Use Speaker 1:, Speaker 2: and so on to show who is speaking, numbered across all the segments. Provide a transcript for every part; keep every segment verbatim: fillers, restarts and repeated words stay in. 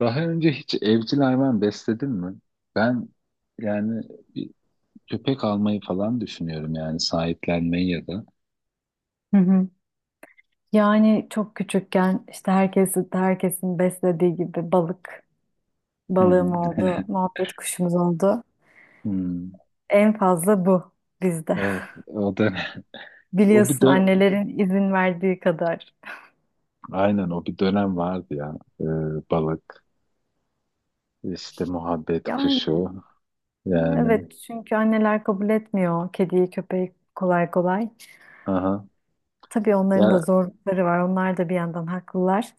Speaker 1: Daha önce hiç evcil hayvan besledin mi? Ben yani bir köpek almayı falan düşünüyorum, yani sahiplenmeyi ya da.
Speaker 2: Hı hı. Yani çok küçükken işte herkesi, herkesin beslediği gibi balık,
Speaker 1: Hı hı.
Speaker 2: balığım oldu, muhabbet kuşumuz oldu.
Speaker 1: Hmm.
Speaker 2: En fazla bu bizde.
Speaker 1: Evet, o dönem. o bir
Speaker 2: Biliyorsun
Speaker 1: dön
Speaker 2: annelerin izin verdiği kadar.
Speaker 1: aynen o bir dönem vardı ya. Ee, balık, işte muhabbet
Speaker 2: Yani
Speaker 1: kuşu yani.
Speaker 2: Evet, çünkü anneler kabul etmiyor kediyi, köpeği kolay kolay.
Speaker 1: Aha.
Speaker 2: Tabii onların da
Speaker 1: Ya,
Speaker 2: zorlukları var. Onlar da bir yandan haklılar.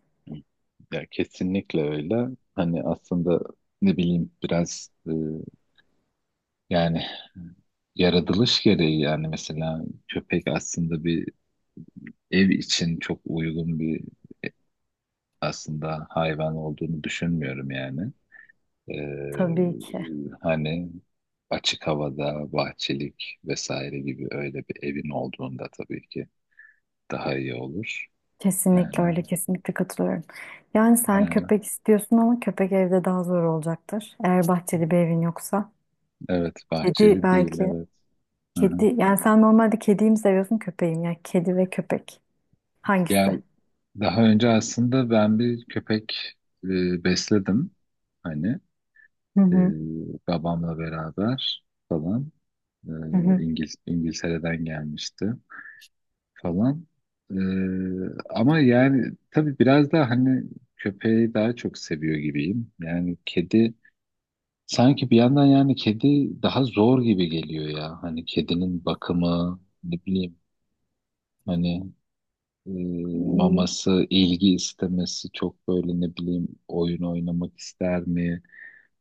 Speaker 1: ya kesinlikle öyle. Hani aslında, ne bileyim, biraz e, yani yaratılış gereği. Yani mesela köpek aslında bir ev için çok uygun bir aslında hayvan olduğunu düşünmüyorum yani. Ee,
Speaker 2: Tabii ki.
Speaker 1: hani açık havada, bahçelik vesaire gibi öyle bir evin olduğunda tabii ki daha iyi olur. Yani,
Speaker 2: Kesinlikle öyle, kesinlikle katılıyorum. Yani sen
Speaker 1: yani
Speaker 2: köpek istiyorsun ama köpek evde daha zor olacaktır. Eğer bahçeli bir evin yoksa.
Speaker 1: evet,
Speaker 2: Kedi
Speaker 1: bahçeli değil,
Speaker 2: belki.
Speaker 1: evet. Hı hı.
Speaker 2: Kedi, yani sen normalde kediyi mi seviyorsun, köpeği mi? Yani kedi ve köpek.
Speaker 1: Ya,
Speaker 2: Hangisi?
Speaker 1: daha önce aslında ben bir köpek e, besledim. Hani
Speaker 2: Hı
Speaker 1: e,
Speaker 2: hı,
Speaker 1: babamla beraber falan. E,
Speaker 2: hı hı.
Speaker 1: İngiliz, İngiltere'den gelmişti falan. Ee, ama yani tabii biraz daha, hani, köpeği daha çok seviyor gibiyim. Yani kedi sanki bir yandan, yani kedi daha zor gibi geliyor ya. Hani kedinin bakımı, ne bileyim, hani e,
Speaker 2: Hmm.
Speaker 1: maması, ilgi istemesi, çok böyle ne bileyim, oyun oynamak ister mi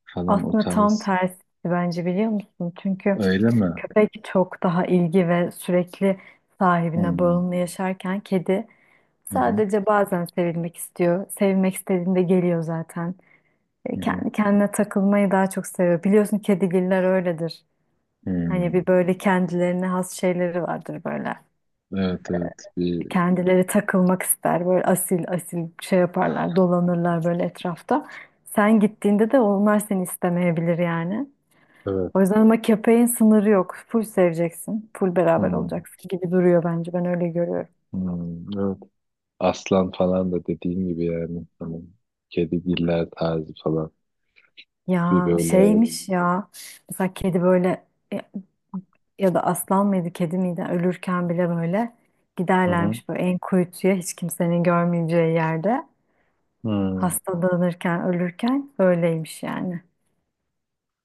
Speaker 1: falan, o
Speaker 2: Aslında tam
Speaker 1: tarz.
Speaker 2: tersi bence biliyor musun? Çünkü
Speaker 1: Öyle mi?
Speaker 2: köpek çok daha ilgi ve sürekli sahibine
Speaker 1: Hmm.
Speaker 2: bağımlı yaşarken kedi
Speaker 1: Hı hı.
Speaker 2: sadece bazen sevilmek istiyor. Sevilmek istediğinde geliyor zaten.
Speaker 1: Hı
Speaker 2: E,
Speaker 1: hı.
Speaker 2: Kendi kendine takılmayı daha çok seviyor. Biliyorsun kedigiller öyledir. Hani
Speaker 1: Hmm.
Speaker 2: bir böyle kendilerine has şeyleri vardır böyle.
Speaker 1: Evet evet. Bir
Speaker 2: Kendileri takılmak ister. Böyle asil asil şey yaparlar, dolanırlar böyle etrafta. Sen gittiğinde de onlar seni istemeyebilir yani.
Speaker 1: evet.
Speaker 2: O yüzden ama köpeğin sınırı yok. Full seveceksin. Full beraber
Speaker 1: Hmm.
Speaker 2: olacaksın gibi duruyor bence. Ben öyle görüyorum.
Speaker 1: Hmm. Evet. Aslan falan da dediğin gibi yani. Hani kedigiller tarzı falan. Bir
Speaker 2: Ya
Speaker 1: böyle.
Speaker 2: şeymiş ya. Mesela kedi böyle ya ya da aslan mıydı kedi miydi ölürken bile böyle
Speaker 1: Hı hı.
Speaker 2: giderlermiş böyle en kuytuya hiç kimsenin görmeyeceği yerde.
Speaker 1: Hı.
Speaker 2: Hastalanırken ölürken öyleymiş yani.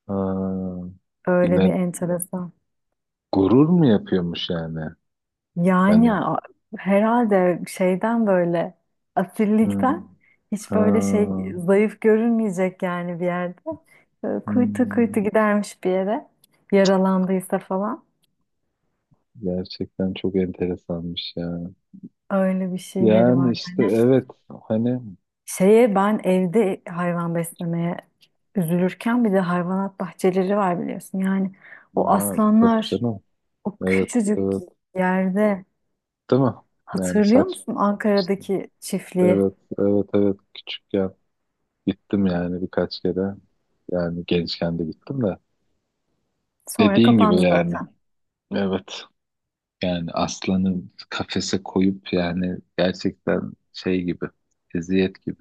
Speaker 1: Ha.
Speaker 2: Öyle bir
Speaker 1: Yine
Speaker 2: enteresan.
Speaker 1: gurur mu yapıyormuş yani?
Speaker 2: Yani
Speaker 1: Hani.
Speaker 2: a- Herhalde şeyden böyle
Speaker 1: Hı.
Speaker 2: asillikten hiç böyle
Speaker 1: Ha.
Speaker 2: şey zayıf görünmeyecek yani bir yerde. Böyle kuytu kuytu
Speaker 1: Hı.
Speaker 2: gidermiş bir yere yaralandıysa falan.
Speaker 1: Gerçekten çok enteresanmış ya.
Speaker 2: Öyle bir şeyleri
Speaker 1: Yani
Speaker 2: var
Speaker 1: işte
Speaker 2: yani.
Speaker 1: evet, hani.
Speaker 2: Şeye ben evde hayvan beslemeye üzülürken bir de hayvanat bahçeleri var biliyorsun. Yani o
Speaker 1: Ya, tabii
Speaker 2: aslanlar
Speaker 1: canım.
Speaker 2: o
Speaker 1: Evet,
Speaker 2: küçücük
Speaker 1: evet,
Speaker 2: yerde
Speaker 1: değil mi? Yani
Speaker 2: hatırlıyor
Speaker 1: saç
Speaker 2: musun
Speaker 1: işte,
Speaker 2: Ankara'daki çiftliği?
Speaker 1: evet, evet evet, küçükken gittim yani birkaç kere. Yani gençken de gittim de.
Speaker 2: Sonra
Speaker 1: Dediğin gibi
Speaker 2: kapandı
Speaker 1: yani.
Speaker 2: zaten.
Speaker 1: Evet. Yani aslanı kafese koyup, yani gerçekten şey gibi. Eziyet gibi.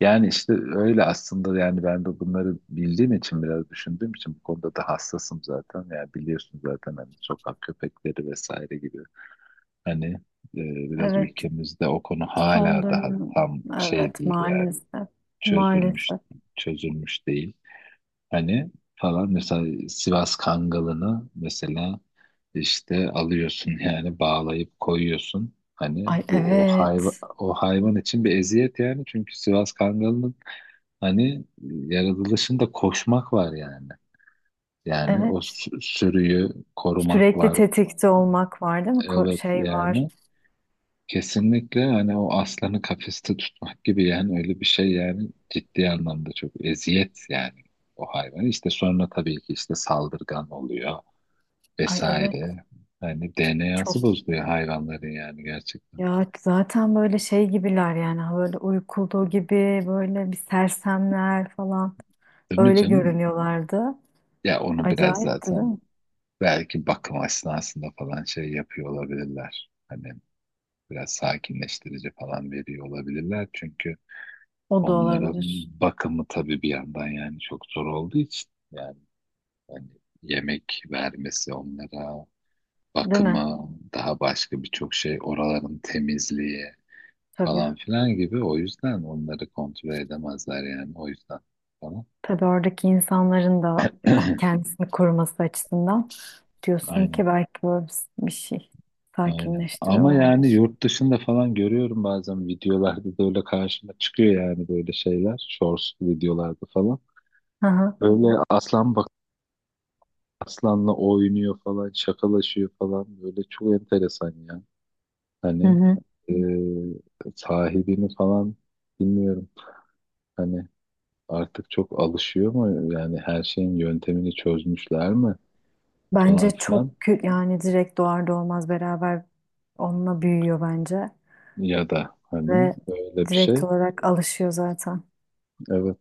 Speaker 1: Yani işte öyle aslında. Yani ben de bunları bildiğim için, biraz düşündüğüm için, bu konuda da hassasım zaten. Yani biliyorsun zaten, hani sokak köpekleri vesaire gibi. Hani e, biraz
Speaker 2: Evet.
Speaker 1: ülkemizde o konu
Speaker 2: Son
Speaker 1: hala daha
Speaker 2: dönem.
Speaker 1: tam şey
Speaker 2: Evet
Speaker 1: değil yani,
Speaker 2: maalesef.
Speaker 1: çözülmüş
Speaker 2: Maalesef.
Speaker 1: çözülmüş değil. Hani, falan, mesela Sivas Kangalı'nı mesela işte alıyorsun yani, bağlayıp koyuyorsun. Hani
Speaker 2: Ay
Speaker 1: bu o hayvan
Speaker 2: evet.
Speaker 1: o hayvan için bir eziyet yani, çünkü Sivas Kangalı'nın hani yaratılışında koşmak var yani. Yani o
Speaker 2: Evet.
Speaker 1: sü- sürüyü korumak
Speaker 2: Sürekli
Speaker 1: var.
Speaker 2: tetikte olmak var değil mi? Ko-
Speaker 1: Evet
Speaker 2: şey var.
Speaker 1: yani. Kesinlikle, hani o aslanı kafeste tutmak gibi yani, öyle bir şey yani. Ciddi anlamda çok eziyet yani o hayvan. İşte sonra tabii ki işte saldırgan oluyor
Speaker 2: Ay evet,
Speaker 1: vesaire. Hani
Speaker 2: çok
Speaker 1: D N A'sı bozuluyor hayvanların, yani gerçekten.
Speaker 2: ya zaten böyle şey gibiler yani, ha böyle uykulduğu gibi böyle bir sersemler falan
Speaker 1: Değil mi
Speaker 2: öyle
Speaker 1: canım?
Speaker 2: görünüyorlardı.
Speaker 1: Ya onu biraz
Speaker 2: Acayipti değil
Speaker 1: zaten
Speaker 2: mi?
Speaker 1: belki bakım esnasında falan şey yapıyor olabilirler. Hani biraz sakinleştirici falan veriyor olabilirler. Çünkü
Speaker 2: O da
Speaker 1: onların
Speaker 2: olabilir.
Speaker 1: bakımı tabii bir yandan yani çok zor olduğu için yani. Yani yemek vermesi onlara,
Speaker 2: Değil mi?
Speaker 1: bakımı, daha başka birçok şey, oraların temizliği
Speaker 2: Tabii.
Speaker 1: falan filan gibi. O yüzden onları kontrol edemezler yani, o yüzden falan.
Speaker 2: Tabii oradaki insanların da ko- kendisini koruması açısından. Diyorsun
Speaker 1: Aynen,
Speaker 2: ki belki böyle bir bir şey
Speaker 1: aynen. Ama yani
Speaker 2: sakinleştiriyorlardır.
Speaker 1: yurt dışında falan görüyorum, bazen videolarda da öyle karşıma çıkıyor yani, böyle şeyler. Shorts videolarda falan.
Speaker 2: Hı hı.
Speaker 1: Böyle aslan, bak, aslanla oynuyor falan, şakalaşıyor falan. Böyle çok enteresan ya.
Speaker 2: Hı
Speaker 1: Hani
Speaker 2: hı.
Speaker 1: e, sahibini falan bilmiyorum. Hani artık çok alışıyor mu? Yani her şeyin yöntemini çözmüşler mi?
Speaker 2: Bence
Speaker 1: Falan
Speaker 2: çok
Speaker 1: filan.
Speaker 2: kü- yani direkt doğar doğmaz beraber onunla büyüyor bence
Speaker 1: Ya da hani
Speaker 2: ve
Speaker 1: öyle bir
Speaker 2: direkt
Speaker 1: şey.
Speaker 2: olarak alışıyor zaten.
Speaker 1: Evet.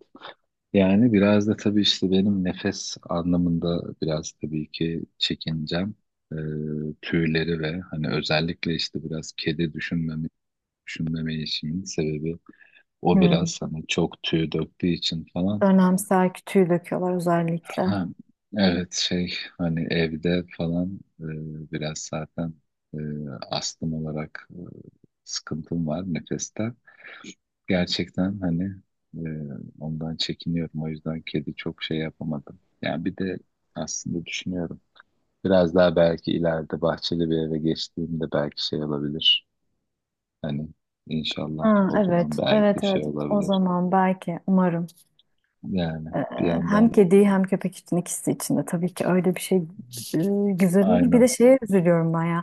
Speaker 1: Yani biraz da tabii işte benim nefes anlamında biraz tabii ki çekincem. E, tüyleri ve hani özellikle işte biraz kedi düşünmeme, düşünmeme işimin sebebi, o
Speaker 2: Hı.
Speaker 1: biraz hani çok tüy döktüğü için falan.
Speaker 2: Dönemsel kütüğü döküyorlar özellikle.
Speaker 1: Ha, evet, şey, hani evde falan e, biraz zaten e, astım olarak e, sıkıntım var nefeste. Gerçekten hani e, ondan çekiniyorum. O yüzden kedi çok şey yapamadım. Yani bir de aslında düşünüyorum. Biraz daha belki ileride bahçeli bir eve geçtiğimde belki şey olabilir. Hani inşallah
Speaker 2: Ha,
Speaker 1: o zaman
Speaker 2: evet,
Speaker 1: belki
Speaker 2: evet,
Speaker 1: şey
Speaker 2: evet. O
Speaker 1: olabilir.
Speaker 2: zaman belki, umarım
Speaker 1: Yani
Speaker 2: e,
Speaker 1: bir
Speaker 2: hem
Speaker 1: yandan,
Speaker 2: kedi hem köpek için ikisi için de tabii ki öyle bir şey e, güzel olur. Bir
Speaker 1: aynen.
Speaker 2: de şeye üzülüyorum ben ya.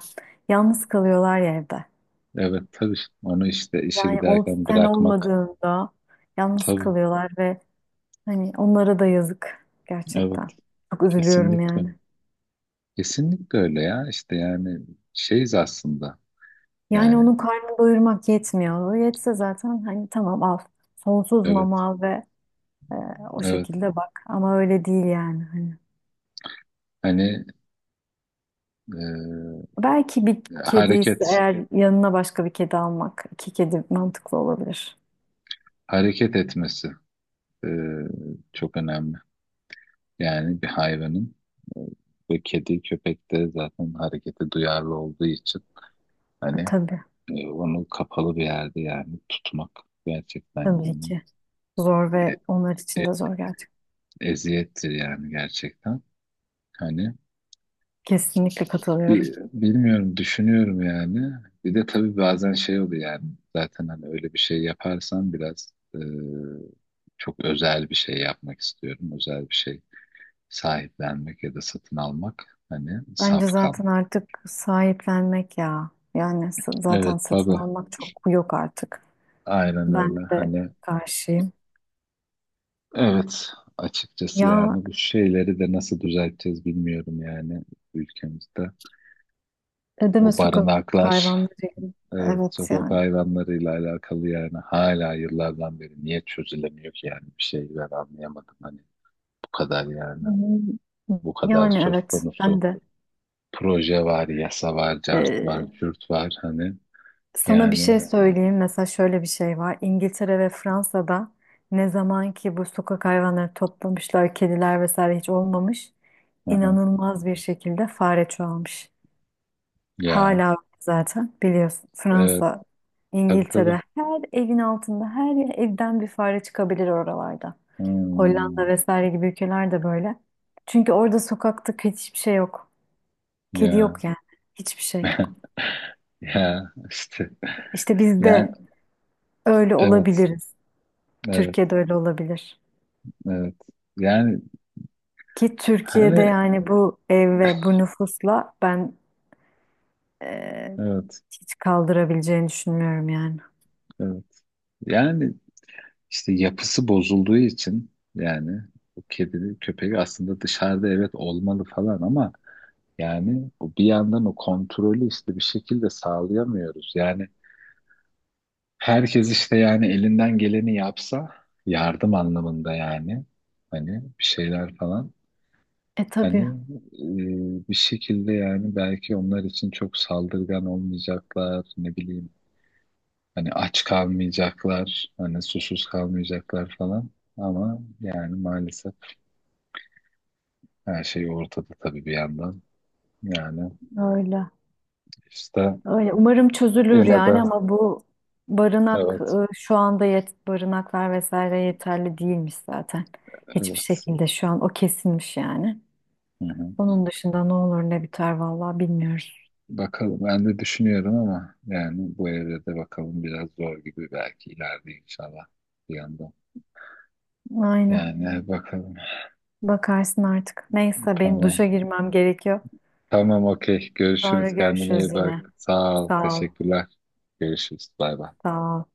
Speaker 2: Yalnız kalıyorlar ya evde.
Speaker 1: Evet tabii, onu işte işe
Speaker 2: Yani ol,
Speaker 1: giderken
Speaker 2: sen
Speaker 1: bırakmak.
Speaker 2: olmadığında yalnız
Speaker 1: Tabii,
Speaker 2: kalıyorlar ve hani onlara da yazık
Speaker 1: evet,
Speaker 2: gerçekten. Çok üzülüyorum
Speaker 1: kesinlikle.
Speaker 2: yani.
Speaker 1: Kesinlikle öyle ya. İşte yani şeyiz aslında.
Speaker 2: Yani onun
Speaker 1: Yani
Speaker 2: karnını doyurmak yetmiyor. O yetse zaten hani tamam al. Sonsuz
Speaker 1: evet,
Speaker 2: mama al ve e, o
Speaker 1: evet.
Speaker 2: şekilde bak. Ama öyle değil yani hani.
Speaker 1: Hani e,
Speaker 2: Belki bir kedi ise
Speaker 1: hareket
Speaker 2: eğer yanına başka bir kedi almak, iki kedi mantıklı olabilir.
Speaker 1: hareket etmesi e, çok önemli. Yani bir hayvanın e, ve kedi, köpek de zaten harekete duyarlı olduğu için,
Speaker 2: E,
Speaker 1: hani
Speaker 2: tabii,
Speaker 1: e, onu kapalı bir yerde yani tutmak, gerçekten
Speaker 2: tabii
Speaker 1: yani
Speaker 2: ki. Zor
Speaker 1: e-
Speaker 2: ve onlar için
Speaker 1: e-
Speaker 2: de zor gerçekten.
Speaker 1: eziyettir yani gerçekten. Hani
Speaker 2: Kesinlikle katılıyorum.
Speaker 1: bir, bilmiyorum, düşünüyorum yani. Bir de tabii bazen şey oluyor yani, zaten hani öyle bir şey yaparsam biraz e, çok özel bir şey yapmak istiyorum. Özel bir şey sahiplenmek ya da satın almak, hani
Speaker 2: Bence
Speaker 1: safkan.
Speaker 2: zaten artık sahiplenmek ya. Yani s- zaten
Speaker 1: Evet
Speaker 2: satın
Speaker 1: tabii,
Speaker 2: almak çok yok artık.
Speaker 1: aynen
Speaker 2: Ben
Speaker 1: öyle
Speaker 2: de
Speaker 1: hani,
Speaker 2: karşıyım.
Speaker 1: evet, açıkçası.
Speaker 2: Ya
Speaker 1: Yani bu şeyleri de nasıl düzelteceğiz bilmiyorum yani, ülkemizde.
Speaker 2: ne deme
Speaker 1: O
Speaker 2: Sokak
Speaker 1: barınaklar.
Speaker 2: hayvanlarıyım.
Speaker 1: Evet,
Speaker 2: Evet
Speaker 1: sokak
Speaker 2: yani.
Speaker 1: hayvanlarıyla alakalı yani hala yıllardan beri niye çözülemiyor ki yani, bir şey ben anlayamadım hani. Bu kadar yani,
Speaker 2: Hı hı.
Speaker 1: bu kadar
Speaker 2: Yani
Speaker 1: söz
Speaker 2: evet
Speaker 1: konusu
Speaker 2: ben de.
Speaker 1: proje var, yasa var, cart var,
Speaker 2: Ee,
Speaker 1: cürt var hani,
Speaker 2: Sana bir
Speaker 1: yani.
Speaker 2: şey söyleyeyim. Mesela şöyle bir şey var. İngiltere ve Fransa'da ne zaman ki bu sokak hayvanları toplamışlar, kediler vesaire hiç olmamış.
Speaker 1: Aha,
Speaker 2: İnanılmaz bir şekilde fare çoğalmış.
Speaker 1: ya,
Speaker 2: Hala zaten biliyorsun
Speaker 1: evet,
Speaker 2: Fransa,
Speaker 1: tabii tabii.
Speaker 2: İngiltere her evin altında her evden bir fare çıkabilir oralarda. Hollanda
Speaker 1: Hmm,
Speaker 2: vesaire gibi ülkeler de böyle. Çünkü orada sokakta kötü hiçbir şey yok. Kedi
Speaker 1: ya.
Speaker 2: yok yani. Hiçbir şey yok.
Speaker 1: Ya işte
Speaker 2: İşte biz
Speaker 1: yani,
Speaker 2: de öyle
Speaker 1: evet,
Speaker 2: olabiliriz.
Speaker 1: evet
Speaker 2: Türkiye'de öyle olabilir.
Speaker 1: evet yani,
Speaker 2: Ki
Speaker 1: hani,
Speaker 2: Türkiye'de yani bu ev ve bu nüfusla ben eee,
Speaker 1: evet,
Speaker 2: hiç kaldırabileceğini düşünmüyorum yani.
Speaker 1: evet yani. İşte yapısı bozulduğu için yani, o kedi köpeği aslında dışarıda evet olmalı falan ama, yani o bir yandan o kontrolü işte bir şekilde sağlayamıyoruz. Yani herkes işte, yani elinden geleni yapsa yardım anlamında yani, hani bir şeyler falan,
Speaker 2: E
Speaker 1: hani
Speaker 2: tabii
Speaker 1: e, bir şekilde yani belki onlar için çok saldırgan olmayacaklar, ne bileyim hani, aç kalmayacaklar, hani susuz kalmayacaklar falan, ama yani maalesef. Her şey ortada tabii bir yandan. Yani
Speaker 2: öyle.
Speaker 1: işte
Speaker 2: Öyle, umarım çözülür
Speaker 1: yine de,
Speaker 2: yani ama bu barınak
Speaker 1: evet,
Speaker 2: e, şu anda yet barınaklar vesaire yeterli değilmiş zaten. Hiçbir
Speaker 1: evet.
Speaker 2: şekilde şu an o kesilmiş yani.
Speaker 1: Hı hı.
Speaker 2: Onun dışında ne olur ne biter vallahi bilmiyoruz.
Speaker 1: Bakalım, ben de düşünüyorum ama yani bu evde de bakalım biraz zor gibi, belki ileride inşallah, bir yandan.
Speaker 2: Aynen.
Speaker 1: Yani bakalım.
Speaker 2: Bakarsın artık. Neyse benim
Speaker 1: Tamam.
Speaker 2: duşa girmem gerekiyor.
Speaker 1: Tamam, okey.
Speaker 2: Sonra
Speaker 1: Görüşürüz. Kendine
Speaker 2: görüşürüz
Speaker 1: iyi
Speaker 2: yine.
Speaker 1: bak. Sağ ol.
Speaker 2: Sağ ol.
Speaker 1: Teşekkürler. Görüşürüz. Bay bay.
Speaker 2: Sağ ol.